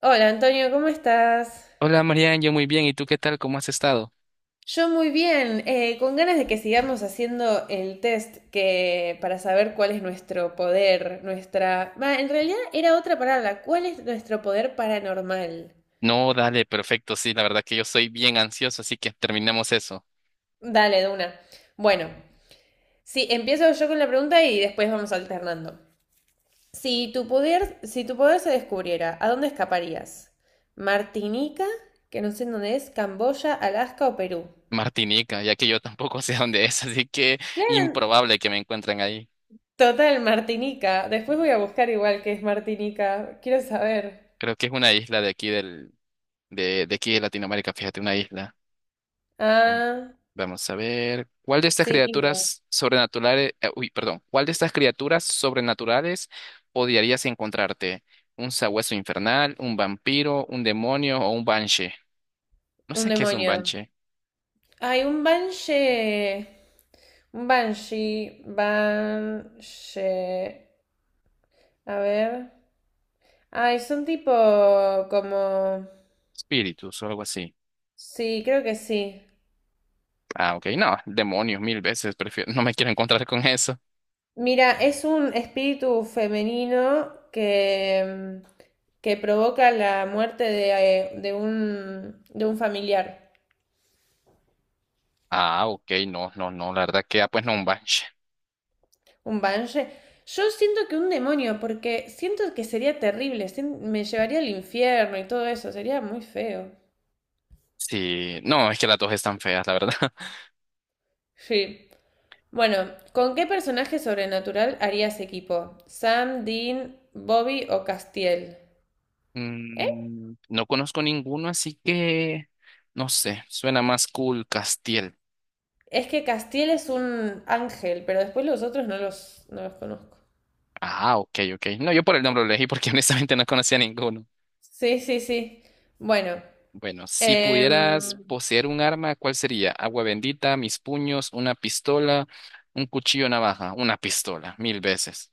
Hola Antonio, ¿cómo estás? Hola Marian, yo muy bien. ¿Y tú qué tal? ¿Cómo has estado? Yo muy bien, con ganas de que sigamos haciendo el test que para saber cuál es nuestro poder, nuestra... Va, en realidad era otra palabra, ¿cuál es nuestro poder paranormal? No, dale, perfecto. Sí, la verdad que yo soy bien ansioso, así que terminemos eso. Dale, de una. Bueno, sí, empiezo yo con la pregunta y después vamos alternando. Si tu poder se descubriera, ¿a dónde escaparías? ¿Martinica? Que no sé en dónde es, Camboya, Alaska o Perú. Martinica, ya que yo tampoco sé dónde es, así que Claro. improbable que me encuentren ahí. Total, Martinica. Después voy a buscar igual que es Martinica. Quiero saber. Creo que es una isla de aquí de aquí de Latinoamérica, fíjate, una isla. Oh, Ah, vamos a ver. ¿Cuál de estas sí, Inga. criaturas sobrenaturales, uy, perdón, ¿cuál de estas criaturas sobrenaturales odiarías encontrarte? ¿Un sabueso infernal, un vampiro, un demonio o un banshee? No Un sé qué es un demonio. banshee. Hay un Banshee. Un Banshee. Banshee. A ver. Ay, son tipo como... Espíritus o algo así. Sí, creo que sí. Ah, ok, no, demonios mil veces, prefiero, no me quiero encontrar con eso. Mira, es un espíritu femenino que, que provoca la muerte de, de un familiar. Ah, ok, no, no, no, la verdad que, pues no, un banshee. Un banshee. Yo siento que un demonio, porque siento que sería terrible, me llevaría al infierno y todo eso, sería muy feo. Sí, no, es que las dos están feas, la verdad. Sí. Bueno, ¿con qué personaje sobrenatural harías equipo? ¿Sam, Dean, Bobby o Castiel? ¿Eh? No conozco ninguno, así que, no sé, suena más cool Castiel. Es que Castiel es un ángel, pero después los otros no los conozco. Ah, ok, ok. No, yo por el nombre lo elegí porque honestamente no conocía ninguno. Sí, sí, sí. Bueno, Bueno, si em, pudieras poseer un arma, ¿cuál sería? Agua bendita, mis puños, una pistola, un cuchillo, navaja, una pistola, mil veces.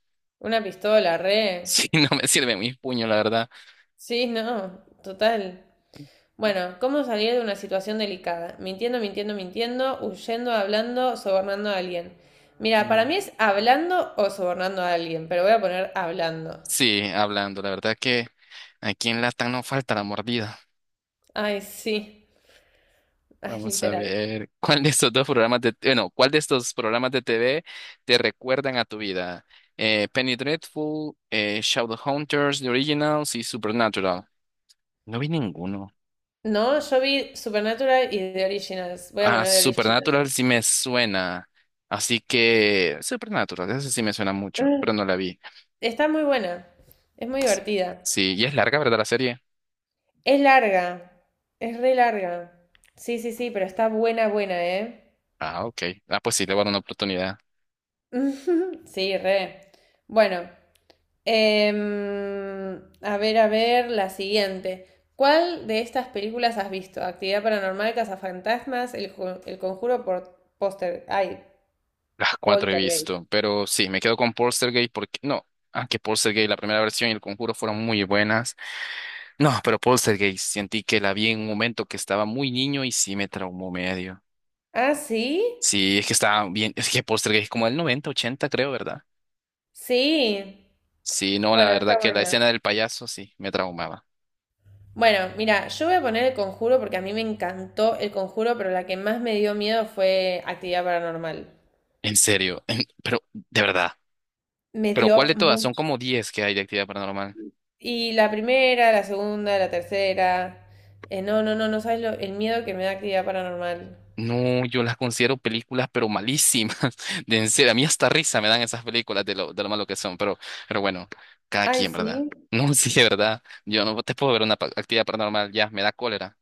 una pistola, Sí, re. no me sirve mi puño, la verdad. Sí, no, total. Bueno, ¿cómo salir de una situación delicada? Mintiendo, huyendo, hablando, sobornando a alguien. Mira, para Mm. mí es hablando o sobornando a alguien, pero voy a poner hablando. Sí, hablando, la verdad que aquí en Latam no falta la mordida. Ay, sí. Ay, Vamos a literal. ver, ¿cuál de estos dos programas de, bueno, ¿cuál de estos programas de TV te recuerdan a tu vida? Penny Dreadful, Shadowhunters, The Originals y Supernatural. No vi ninguno. No, yo vi Supernatural y The Originals. Voy a Ah, poner The Supernatural Original. sí me suena. Así que Supernatural, esa sí me suena mucho, Ah. pero no la vi. Está muy buena. Es muy divertida. Sí, y es larga, ¿verdad, la serie? Es larga. Es re larga. Sí, sí, sí, pero está buena, buena, ¿eh? Ah, ok. Ah, pues sí, le voy a dar una oportunidad. Sí, re. Bueno. Em, a ver, la siguiente. ¿Cuál de estas películas has visto? Actividad Paranormal, Cazafantasmas, El Conjuro por Póster. Ay, Las cuatro he Poltergeist. visto, pero sí, me quedo con Poltergeist porque no, aunque Poltergeist, la primera versión y El Conjuro fueron muy buenas. No, pero Poltergeist, sentí que la vi en un momento que estaba muy niño y sí me traumó medio. ¿Ah, sí? Sí, es que estaba bien, es que Poltergeist es como del 90 80 creo, ¿verdad? Sí. Sí, no, la Bueno, verdad está que la buena. escena del payaso sí me traumaba. Bueno, mira, yo voy a poner El Conjuro porque a mí me encantó El Conjuro, pero la que más me dio miedo fue Actividad Paranormal. En serio, pero de verdad. Me Pero ¿cuál dio de todas? Son mucho. como 10 que hay de actividad paranormal. Y la primera, la segunda, la tercera. No sabes lo- el miedo que me da Actividad Paranormal. No, yo las considero películas, pero malísimas. De en serio, a mí hasta risa me dan esas películas de lo, malo que son, pero bueno, cada Ay, quien, ¿verdad? sí. No, sí, de verdad. Yo no te puedo ver una actividad paranormal, ya, me da cólera.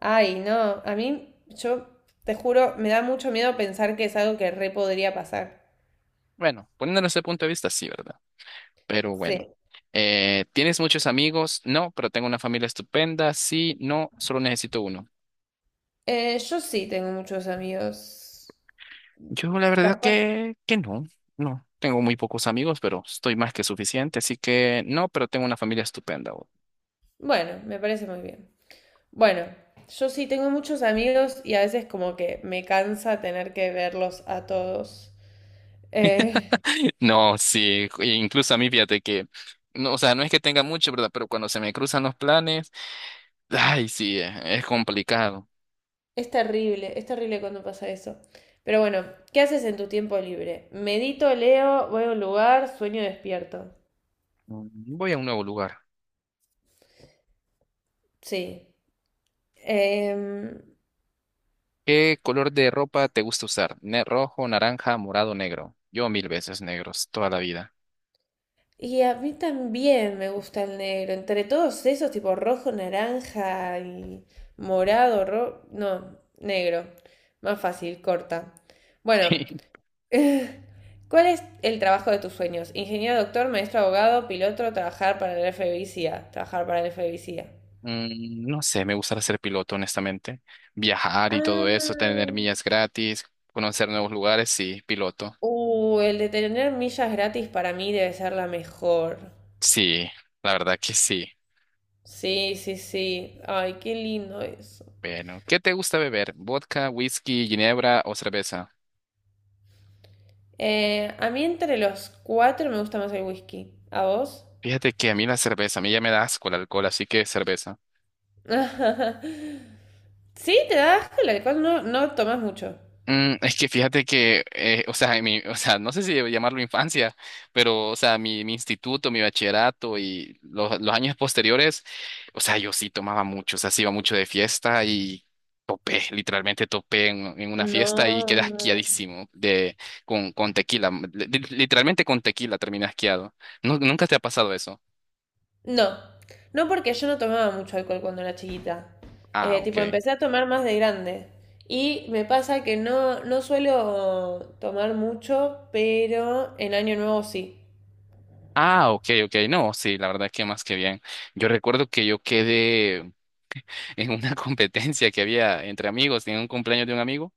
Ay, no. Yo te juro, me da mucho miedo pensar que es algo que re podría pasar. Bueno, poniéndolo desde ese punto de vista, sí, ¿verdad? Pero bueno. Sí. ¿Tienes muchos amigos? No, pero tengo una familia estupenda. Sí, no, solo necesito uno. Yo sí tengo muchos amigos. Yo la verdad Capaz. que no, no. Tengo muy pocos amigos, pero estoy más que suficiente, así que no, pero tengo una familia estupenda. Bueno, me parece muy bien. Bueno, yo sí tengo muchos amigos y a veces como que me cansa tener que verlos a todos. Eh, No, sí, e incluso a mí fíjate que, no, o sea, no es que tenga mucho, ¿verdad? Pero cuando se me cruzan los planes, ay, sí, es complicado. Es terrible cuando pasa eso. Pero bueno, ¿qué haces en tu tiempo libre? Medito, leo, voy a un lugar, sueño despierto. Voy a un nuevo lugar. Sí. Em, ¿Qué color de ropa te gusta usar? Rojo, naranja, morado, negro. Yo mil veces negros, toda la vida. y a mí también me gusta el negro. Entre todos esos, tipo rojo, naranja y morado, no, negro. Más fácil, corta. Bueno, ¿cuál es el trabajo de tus sueños? Ingeniero, doctor, maestro, abogado, piloto, trabajar para el FBI, CIA. Trabajar para el FBI, CIA. No sé, me gustaría ser piloto, honestamente. Viajar y todo eso, Ah. tener millas gratis, conocer nuevos lugares, sí, piloto. El de tener millas gratis para mí debe ser la mejor. Sí, la verdad que sí. Sí, sí, sí. Ay, qué lindo eso. Bueno, ¿qué te gusta beber? ¿Vodka, whisky, ginebra o cerveza? A mí entre los cuatro me gusta más el whisky. ¿A vos? Fíjate que a mí la cerveza, a mí ya me da asco el alcohol, así que cerveza. Sí, te da asco el alcohol, no, no tomas mucho. Es que fíjate que, o sea, en mi, o sea, no sé si llamarlo infancia, pero, o sea, mi, instituto, mi bachillerato y los años posteriores, o sea, yo sí tomaba mucho, o sea, sí iba mucho de fiesta y topé, literalmente topé en, una No. fiesta y quedé asqueadísimo de, con tequila, literalmente con tequila terminé asqueado. ¿Nunca te ha pasado eso? No, no porque yo no tomaba mucho alcohol cuando era chiquita. Ah, ok. Tipo, empecé a tomar más de grande. Y me pasa que no, no suelo tomar mucho, pero en Año Nuevo sí. Ah, ok, ok, no, sí, la verdad que más que bien. Yo recuerdo que yo quedé en una competencia que había entre amigos, en un cumpleaños de un amigo,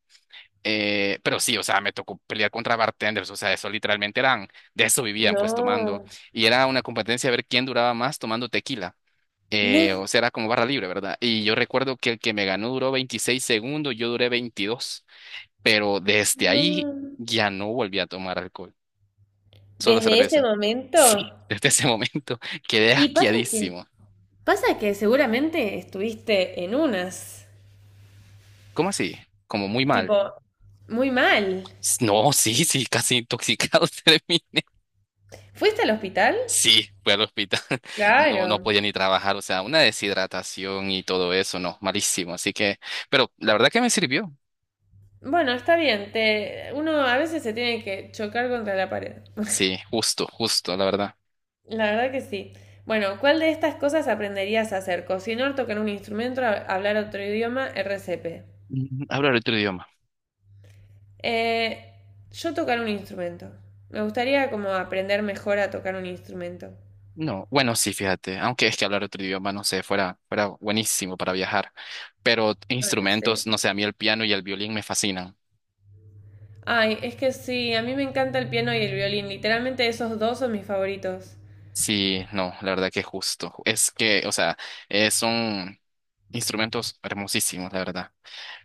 pero sí, o sea, me tocó pelear contra bartenders, o sea, eso literalmente eran, de eso vivían pues tomando, No, y era una competencia a ver quién duraba más tomando tequila, o no, sea, era como barra libre, ¿verdad? Y yo recuerdo que el que me ganó duró 26 segundos, yo duré 22, pero desde ahí no. ya no volví a tomar alcohol. Solo Desde ese cerveza. momento. Sí. Desde ese momento quedé Y pasa que asqueadísimo. Pasa que seguramente estuviste en unas, ¿Cómo así? Como muy mal. tipo, muy mal. No, sí, sí, casi intoxicado terminé. ¿Fuiste al hospital? Sí, fui al hospital. No, no Claro. podía ni trabajar, o sea, una deshidratación y todo eso, no, malísimo. Así que, pero la verdad que me sirvió. Bueno, está bien, te... uno a veces se tiene que chocar contra la pared. Sí, justo, justo, la verdad. La verdad que sí. Bueno, ¿cuál de estas cosas aprenderías a hacer? Cocinar, tocar un instrumento, hablar otro idioma, RCP. Hablar otro idioma. Eh, yo tocar un instrumento. Me gustaría como aprender mejor a tocar un instrumento. No, bueno, sí, fíjate, aunque es que hablar otro idioma, no sé, fuera buenísimo para viajar. Pero Ay, sí. instrumentos, no sé, a mí el piano y el violín me fascinan. Ay, es que sí, a mí me encanta el piano y el violín. Literalmente esos dos son mis favoritos. Sí, no, la verdad que justo. Es que, o sea, son instrumentos hermosísimos, la verdad.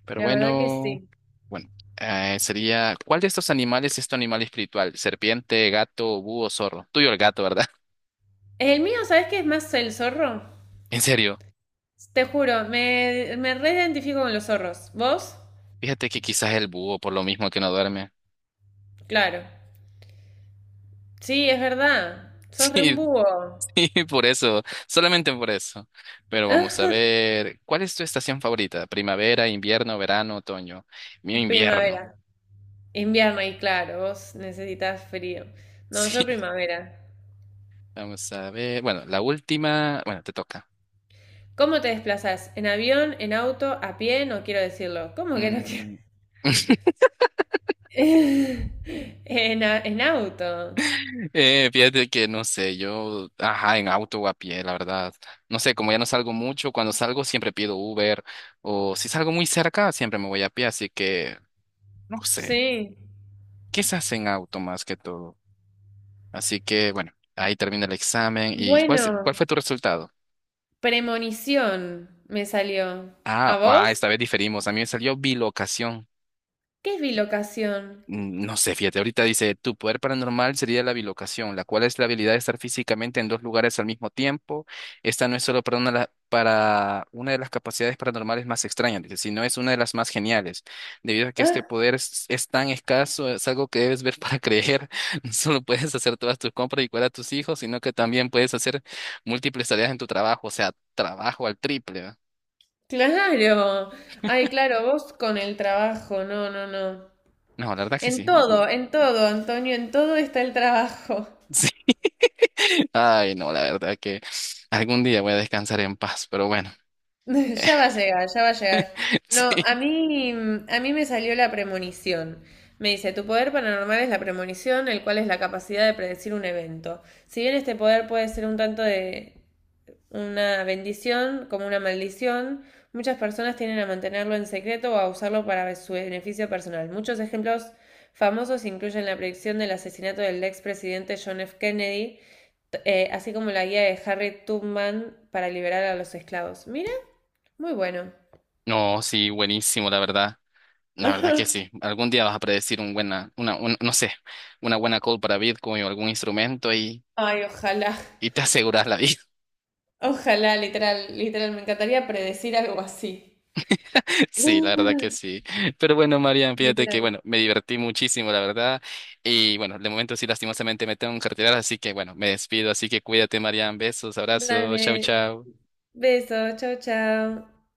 Pero La verdad que bueno, sí. bueno, sería, ¿cuál de estos animales es tu animal espiritual? Serpiente, gato, búho, zorro. Tuyo el gato, ¿verdad? El mío, ¿sabes qué es más? El zorro. En serio. Te juro, me reidentifico con los zorros. ¿Vos? Fíjate que quizás el búho, por lo mismo que no duerme. Claro. Sí, es verdad. Sos re un Sí, búho. sí, por eso, solamente por eso. Pero vamos a ver, ¿cuál es tu estación favorita? ¿Primavera, invierno, verano, otoño? Mío, invierno. Primavera. Invierno, y claro, vos necesitas frío. No, yo Sí, primavera. vamos a ver. Bueno, la última. Bueno, te toca. ¿Cómo te desplazás? ¿En avión, en auto, a pie? No quiero decirlo. ¿Cómo que no quiero? Mm, en auto. Fíjate que no sé, ajá, en auto o a pie, la verdad. No sé, como ya no salgo mucho, cuando salgo siempre pido Uber o si salgo muy cerca, siempre me voy a pie, así que no sé, Sí. quizás en auto más que todo. Así que bueno, ahí termina el examen. ¿Y cuál Bueno, fue tu resultado? premonición me salió. Ah, ¿A ah, vos? esta vez diferimos. A mí me salió bilocación. ¿Qué es bilocación? No sé, fíjate, ahorita dice, tu poder paranormal sería la bilocación, la cual es la habilidad de estar físicamente en dos lugares al mismo tiempo. Esta no es solo para una, para una de las capacidades paranormales más extrañas, dice, sino es una de las más geniales. Debido a que este Ah, poder es tan escaso, es algo que debes ver para creer. No solo puedes hacer todas tus compras y cuidar a tus hijos, sino que también puedes hacer múltiples tareas en tu trabajo, o sea, trabajo al triple, ¿va? claro. Ay, claro, vos con el trabajo. No, no, no. No, la verdad que sí. En todo, Antonio, en todo está el trabajo. Sí. Ay, no, la verdad que algún día voy a descansar en paz, pero bueno, Ya va a llegar, ya va a llegar. No, sí. A mí me salió la premonición. Me dice, tu poder paranormal es la premonición, el cual es la capacidad de predecir un evento. Si bien este poder puede ser un tanto de una bendición como una maldición. Muchas personas tienden a mantenerlo en secreto o a usarlo para su beneficio personal. Muchos ejemplos famosos incluyen la predicción del asesinato del expresidente John F. Kennedy, así como la guía de Harry Tubman para liberar a los esclavos. Mira, muy bueno. No, sí, buenísimo, la verdad. La verdad que sí. Algún día vas a predecir un buena, una, un- no sé, una buena call para Bitcoin o algún instrumento y, Ay, ojalá, y te aseguras la vida. ojalá, literal, literal, me encantaría predecir algo así. Sí, la verdad que sí. Pero bueno, Marian, fíjate que, Literal. bueno, me divertí muchísimo, la verdad. Y bueno, de momento sí, lastimosamente me tengo que retirar, así que bueno, me despido. Así que cuídate, Marian. Besos, abrazos, chao, Dale, chao. besos, chao, chao.